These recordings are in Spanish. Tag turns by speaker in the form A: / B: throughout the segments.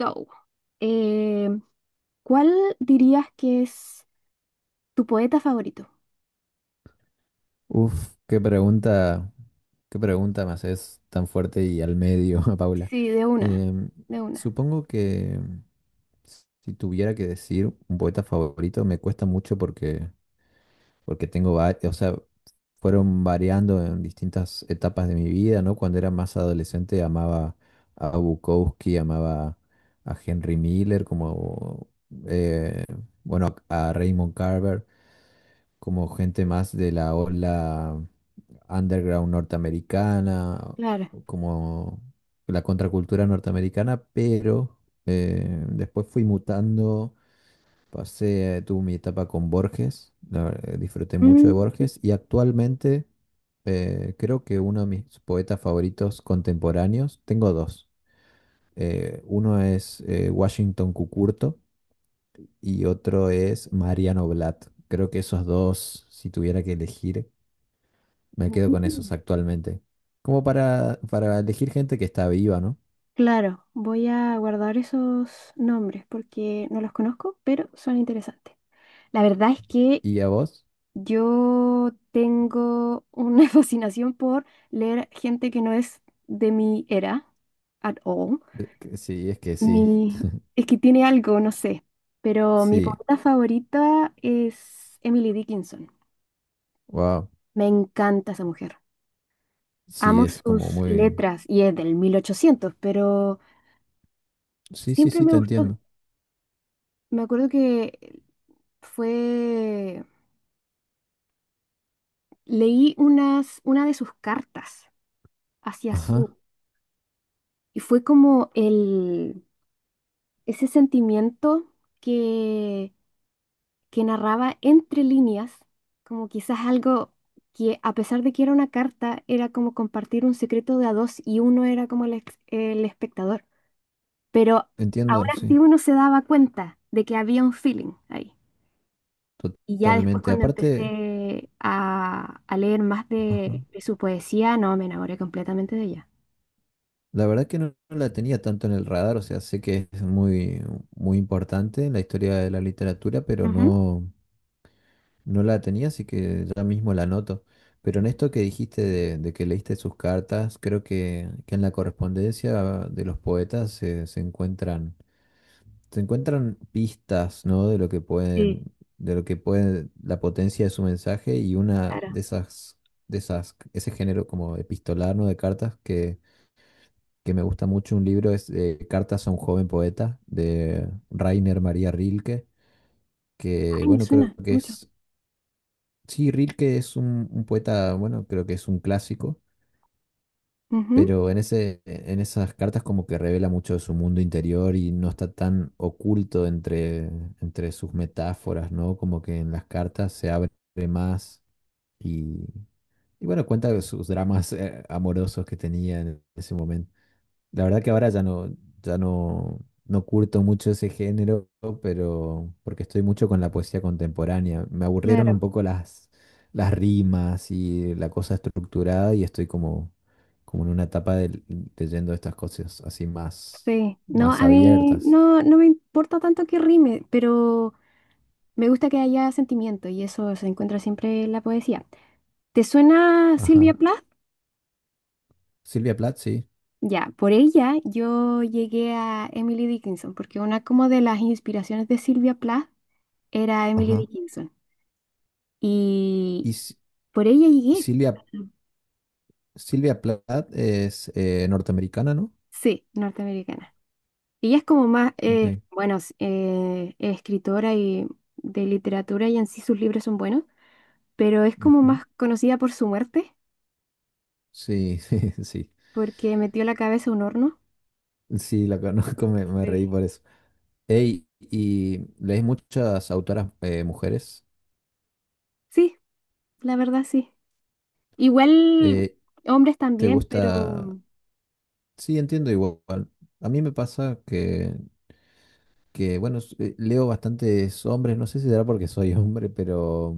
A: So, eh, ¿cuál dirías que es tu poeta favorito?
B: Uf, qué pregunta me haces tan fuerte y al medio, Paula.
A: Sí,
B: Em,
A: de una,
B: Supongo que si tuviera que decir un poeta favorito, me cuesta mucho porque tengo varios, o sea, fueron variando en distintas etapas de mi vida, ¿no? Cuando era más adolescente amaba a Bukowski, amaba a Henry Miller, como, eh, bueno, a Raymond Carver, como gente más de la ola underground norteamericana,
A: claro.
B: como la contracultura norteamericana. Pero después fui mutando, pasé, tuve mi etapa con Borges, disfruté mucho
A: Mm,
B: de Borges. Y actualmente creo que uno de mis poetas favoritos contemporáneos, tengo dos. Uno es Washington Cucurto y otro es Mariano Blatt. Creo que esos dos, si tuviera que elegir, me quedo con esos
A: mm,
B: actualmente. Como para elegir gente que está viva, ¿no?
A: claro, voy a guardar esos nombres porque no los conozco, pero son interesantes. La verdad es que
B: ¿Y a vos?
A: yo tengo una fascinación por leer gente que no es de mi era at all.
B: Que sí, es que sí.
A: Mi, es que tiene algo, no sé, pero mi
B: Sí,
A: poeta favorita es Emily Dickinson.
B: wow.
A: Me encanta esa mujer.
B: Sí,
A: Amo
B: es como
A: sus
B: muy...
A: letras y es del 1800 pero
B: Sí, sí,
A: siempre
B: sí,
A: me
B: te
A: gustó.
B: entiendo.
A: Me acuerdo que fue, leí una de sus cartas hacia
B: Ajá,
A: su y fue como ese sentimiento que que narraba entre líneas, como quizás algo que a pesar de que era una carta, era como compartir un secreto de a dos y uno era como el espectador. Pero
B: entiendo,
A: aún
B: sí,
A: así uno se daba cuenta de que había un feeling ahí. Y ya después
B: totalmente.
A: cuando
B: Aparte,
A: empecé a leer más
B: ajá.
A: de su poesía, no, me enamoré completamente de ella.
B: La verdad que no, no la tenía tanto en el radar, o sea, sé que es muy, muy importante en la historia de la literatura, pero
A: Ujú.
B: no... No la tenía, así que ya mismo la anoto. Pero en esto que dijiste de que leíste sus cartas, creo que en la correspondencia de los poetas se encuentran pistas, ¿no?
A: Sí,
B: De lo que puede, la potencia de su mensaje. Y una
A: claro.
B: de esas, de esas, ese género como epistolar, ¿no? De cartas que me gusta mucho, un libro es Cartas a un joven poeta de Rainer María Rilke, que
A: Ay, me
B: bueno,
A: suena
B: creo que
A: mucho.
B: es... Sí, Rilke es un poeta, bueno, creo que es un clásico.
A: Ujú,
B: Pero en en esas cartas como que revela mucho de su mundo interior y no está tan oculto entre sus metáforas, ¿no? Como que en las cartas se abre más y, y bueno, cuenta de sus dramas amorosos que tenía en ese momento. La verdad que ahora ya no, no curto mucho ese género, pero porque estoy mucho con la poesía contemporánea. Me aburrieron un
A: claro,
B: poco las rimas y la cosa estructurada, y estoy como en una etapa de, leyendo estas cosas así más,
A: sí. No,
B: más
A: a mí
B: abiertas.
A: no, no me importa tanto que rime, pero me gusta que haya sentimiento y eso se encuentra siempre en la poesía. ¿Te suena Sylvia
B: Ajá.
A: Plath?
B: Silvia Plath, sí.
A: Ya, por ella yo llegué a Emily Dickinson, porque una como de las inspiraciones de Sylvia Plath era Emily
B: Ajá.
A: Dickinson. Y
B: Y Si-
A: por ella llegué.
B: Silvia, Silvia Plath es norteamericana, ¿no?
A: Sí, norteamericana. Ella es como más,
B: Ok.
A: bueno, es escritora y de literatura y en sí sus libros son buenos, pero es como
B: Ujú.
A: más conocida por su muerte,
B: Sí, sí.
A: porque metió la cabeza a un horno.
B: Sí, la conozco, me
A: Sí.
B: reí por eso. Ey, y lees muchas autoras mujeres.
A: Sí, la verdad sí. Igual
B: Eh,
A: hombres
B: ¿Te
A: también,
B: gusta?
A: pero
B: Sí, entiendo igual. A mí me pasa que bueno, leo bastantes hombres. No sé si será porque soy hombre, pero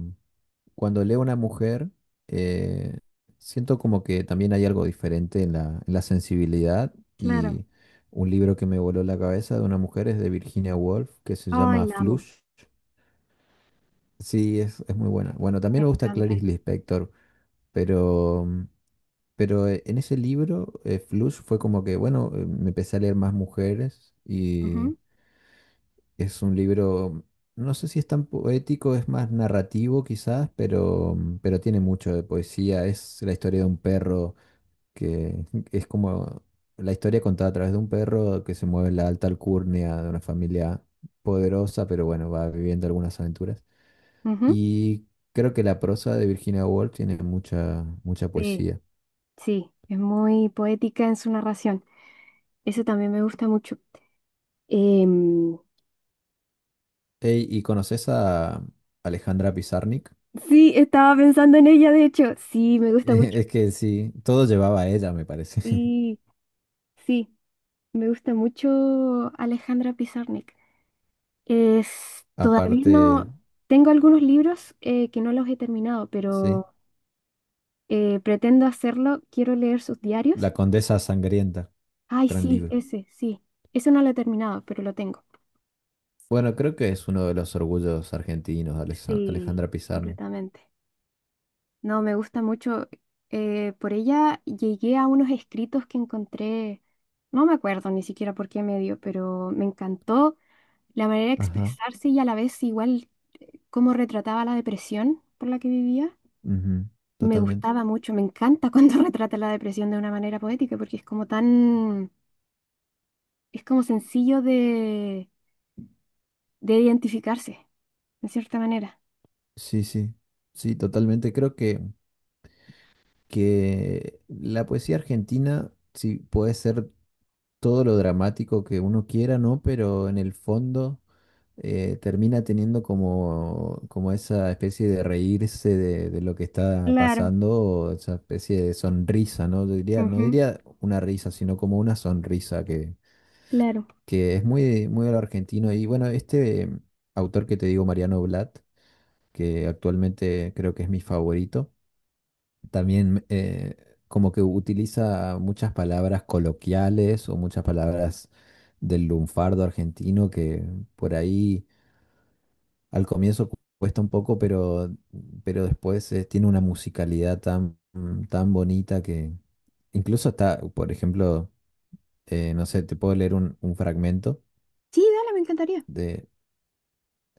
B: cuando leo una mujer, eh, siento como que también hay algo diferente en la sensibilidad.
A: claro.
B: Y un libro que me voló la cabeza de una mujer es de Virginia Woolf, que se
A: Ay,
B: llama
A: la amo.
B: Flush. Sí, es muy buena. Bueno, también
A: Me
B: me gusta
A: encanta
B: Clarice
A: ella.
B: Lispector. Pero, pero en ese libro, Flush, fue como que, bueno, me empecé a leer más mujeres. Y
A: Ujú,
B: es un libro, no sé si es tan poético, es más narrativo quizás, pero tiene mucho de poesía. Es la historia de un perro que es como la historia contada a través de un perro que se mueve en la alta alcurnia de una familia poderosa, pero bueno, va viviendo algunas aventuras.
A: ujú.
B: Y creo que la prosa de Virginia Woolf tiene mucha, mucha
A: Sí,
B: poesía.
A: sí, es muy poética en su narración. Eso también me gusta mucho. Em,
B: Ey, ¿y conoces a Alejandra Pizarnik?
A: sí, estaba pensando en ella, de hecho. Sí, me gusta mucho.
B: Es que sí, todo llevaba a ella, me parece.
A: Sí, sí, me gusta mucho Alejandra Pizarnik. Es, todavía
B: Aparte,
A: no, tengo algunos libros que no los he terminado,
B: sí,
A: pero pretendo hacerlo. Quiero leer sus diarios.
B: La Condesa Sangrienta,
A: Ay,
B: gran libro.
A: sí. Ese no lo he terminado, pero lo tengo.
B: Bueno, creo que es uno de los orgullos argentinos,
A: Sí,
B: Alejandra Pizarnik.
A: completamente. No, me gusta mucho. Por ella llegué a unos escritos que encontré, no me acuerdo ni siquiera por qué medio, pero me encantó la manera de
B: Ajá,
A: expresarse y a la vez igual cómo retrataba la depresión por la que vivía.
B: ujú,
A: Me
B: totalmente.
A: gustaba mucho, me encanta cuando retrata la depresión de una manera poética porque es como tan, es como sencillo de identificarse, de cierta manera.
B: Sí, sí, sí, totalmente. Creo que la poesía argentina sí puede ser todo lo dramático que uno quiera, ¿no? Pero en el fondo termina teniendo como, como esa especie de reírse de lo que está
A: Claro.
B: pasando, o esa especie de sonrisa, ¿no? Yo diría, no
A: Ujú,
B: diría una risa, sino como una sonrisa que,
A: claro.
B: que es muy, muy al argentino. Y bueno, este autor que te digo, Mariano Blatt, que actualmente creo que es mi favorito, también como que utiliza muchas palabras coloquiales o muchas palabras del lunfardo argentino que por ahí, al comienzo cuesta un poco, pero después tiene una musicalidad tan, tan bonita. Que incluso está, por ejemplo, no sé, te puedo leer un fragmento
A: Sí, dale, me encantaría.
B: de,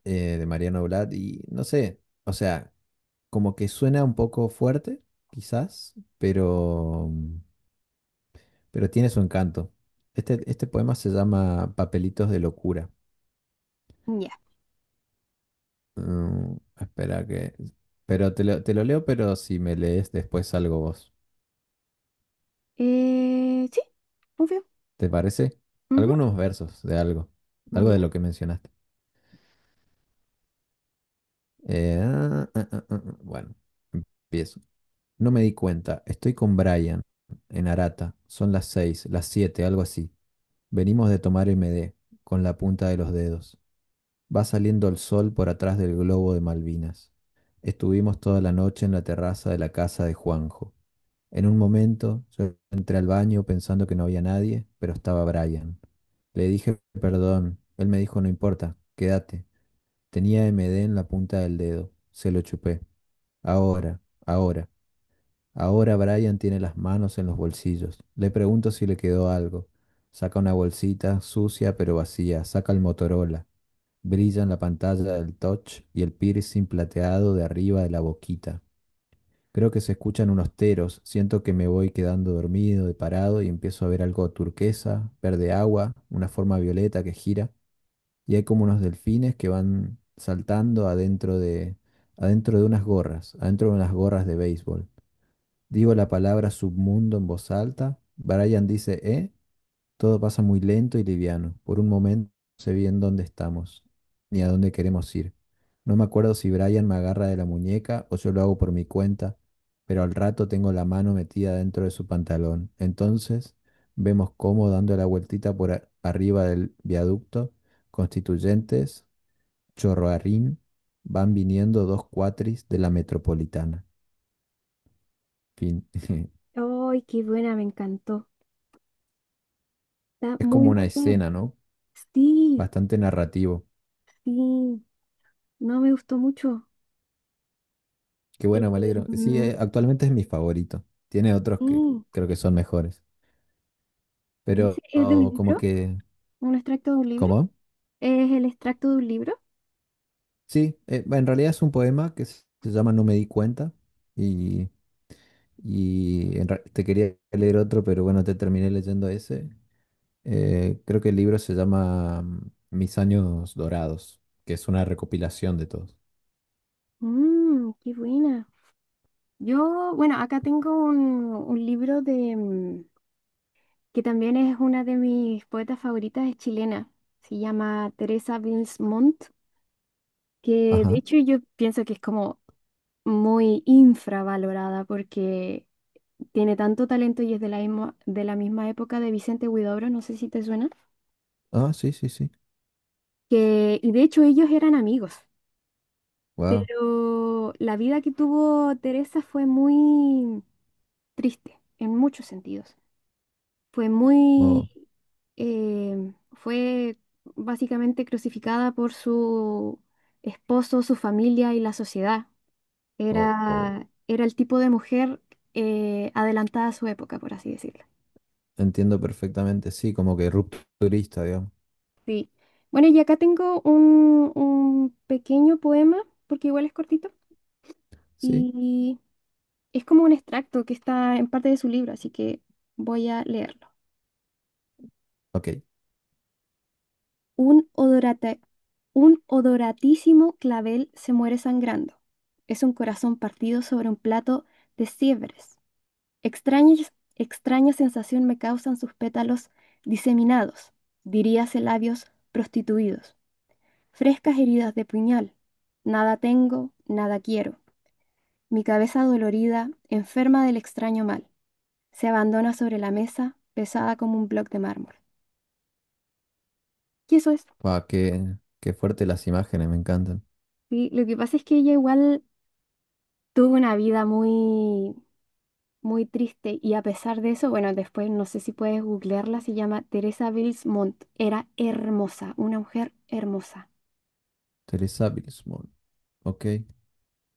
B: de Mariano Blatt, y no sé, o sea, como que suena un poco fuerte, quizás, pero tiene su encanto. Este poema se llama Papelitos de locura.
A: Ya.
B: Mm, Espera que... Pero te lo leo, pero si me lees después algo vos.
A: Sí, obvio.
B: ¿Te parece?
A: Ujú,
B: Algunos versos de algo, algo de
A: ya.
B: lo que mencionaste. Ah. Bueno, empiezo. No me di cuenta, estoy con Brian en Arata, son las seis, las siete, algo así. Venimos de tomar MD con la punta de los dedos. Va saliendo el sol por atrás del globo de Malvinas. Estuvimos toda la noche en la terraza de la casa de Juanjo. En un momento yo entré al baño pensando que no había nadie, pero estaba Brian. Le dije perdón. Él me dijo no importa, quédate. Tenía MD en la punta del dedo. Se lo chupé. Ahora, ahora, ahora Brian tiene las manos en los bolsillos. Le pregunto si le quedó algo. Saca una bolsita, sucia pero vacía. Saca el Motorola. Brilla en la pantalla del touch y el piercing plateado de arriba de la boquita. Creo que se escuchan unos teros, siento que me voy quedando dormido de parado y empiezo a ver algo turquesa, verde agua, una forma violeta que gira, y hay como unos delfines que van saltando adentro de unas gorras, adentro de unas gorras de béisbol. Digo la palabra submundo en voz alta, Brian dice, ¿eh? Todo pasa muy lento y liviano. Por un momento no sé bien dónde estamos, ni a dónde queremos ir. No me acuerdo si Brian me agarra de la muñeca o yo lo hago por mi cuenta, pero al rato tengo la mano metida dentro de su pantalón. Entonces vemos cómo, dando la vueltita por arriba del viaducto, Constituyentes, Chorroarrín, van viniendo dos cuatris de la metropolitana. Fin.
A: Ay, qué buena, me encantó. Está
B: Es
A: muy
B: como una
A: buena.
B: escena, ¿no?
A: Sí,
B: Bastante narrativo.
A: sí. No me gustó mucho.
B: Qué
A: Eh,
B: bueno, me alegro. Sí,
A: mm,
B: actualmente es mi favorito. Tiene otros que
A: sí.
B: creo que son mejores.
A: ¿Y ese
B: Pero
A: es de un
B: oh, como
A: libro?
B: que...
A: ¿Un extracto de un libro?
B: ¿Cómo?
A: ¿Es el extracto de un libro?
B: Sí, en realidad es un poema que se llama No me di cuenta. Y, y te quería leer otro, pero bueno, te terminé leyendo ese. Creo que el libro se llama Mis años dorados, que es una recopilación de todos.
A: Mmm, qué buena. Yo, bueno, acá tengo un libro de que también es una de mis poetas favoritas, es chilena. Se llama Teresa Bilsmont. Que de
B: Ajá.
A: hecho yo pienso que es como muy infravalorada porque tiene tanto talento y es de la misma época de Vicente Huidobro, no sé si te suena,
B: Ah, sí, sí, sí.
A: que, y de hecho ellos eran amigos,
B: Wow.
A: pero la vida que tuvo Teresa fue muy triste en muchos sentidos. Fue
B: Oh,
A: muy, eh, fue básicamente crucificada por su esposo, su familia y la sociedad.
B: oh, oh.
A: Era, era el tipo de mujer adelantada a su época, por así decirlo.
B: Entiendo perfectamente. Sí, como que rupturista, digamos.
A: Sí. Bueno, y acá tengo un pequeño poema, porque igual es cortito,
B: Sí.
A: y es como un extracto que está en parte de su libro, así que voy a leerlo.
B: Ok.
A: Un odorata- un odoratísimo clavel se muere sangrando. Es un corazón partido sobre un plato de siebres. Extraña, extraña sensación me causan sus pétalos diseminados, diríase labios prostituidos, frescas heridas de puñal. Nada tengo, nada quiero. Mi cabeza dolorida, enferma del extraño mal, se abandona sobre la mesa, pesada como un bloque de mármol. Y eso es.
B: Pa, qué fuerte las imágenes, me encantan.
A: Sí, lo que pasa es que ella igual tuvo una vida muy, muy triste y a pesar de eso, bueno, después no sé si puedes googlearla, se llama Teresa Bills Montt. Era hermosa, una mujer hermosa.
B: Teresa Bilsmore. Ok.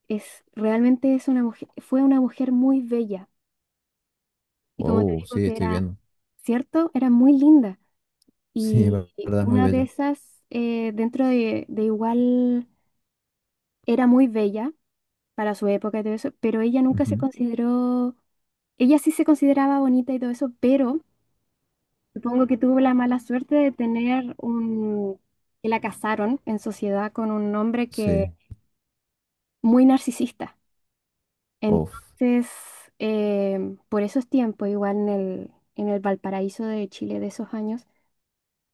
A: Es, realmente es una mujer, fue una mujer muy bella. Y como te
B: Wow,
A: digo
B: sí,
A: que
B: estoy
A: era
B: viendo.
A: cierto, era muy linda.
B: Sí, es
A: Y
B: verdad, es muy
A: una de
B: bella.
A: esas, dentro de igual, era muy bella para su época y todo eso, pero ella nunca se
B: Ujú,
A: consideró, ella sí se consideraba bonita y todo eso, pero supongo que tuvo la mala suerte de tener un, que la casaron en sociedad con un hombre
B: sí.
A: que muy narcisista.
B: Uf,
A: Entonces, por esos tiempos, igual en el Valparaíso de Chile de esos años,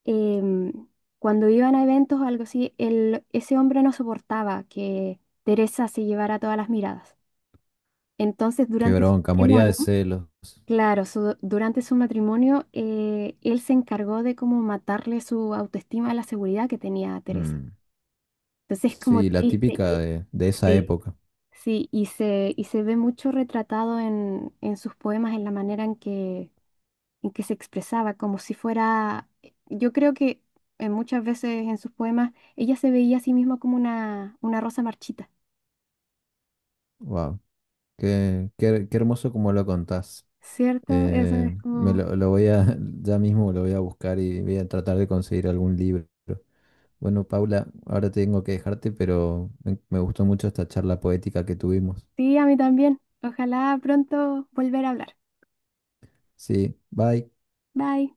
A: em, cuando iban a eventos o algo así, ese hombre no soportaba que Teresa se llevara todas las miradas. Entonces,
B: qué
A: durante su
B: bronca, moría
A: matrimonio,
B: de celos.
A: claro, durante su matrimonio, él se encargó de como matarle su autoestima a la seguridad que tenía Teresa.
B: Mm,
A: Entonces, es como
B: sí, la
A: triste.
B: típica
A: Y-
B: de esa
A: Sí.
B: época.
A: Sí, y se ve mucho retratado en sus poemas, en la manera en que se expresaba, como si fuera, yo creo que muchas veces en sus poemas ella se veía a sí misma como una rosa marchita,
B: Wow, qué hermoso como lo contás.
A: ¿cierto? Eso es
B: Me
A: como,
B: lo voy a, ya mismo lo voy a buscar y voy a tratar de conseguir algún libro. Bueno, Paula, ahora tengo que dejarte, pero me gustó mucho esta charla poética que tuvimos.
A: sí, a mí también. Ojalá pronto volver a hablar.
B: Sí, bye.
A: Bye.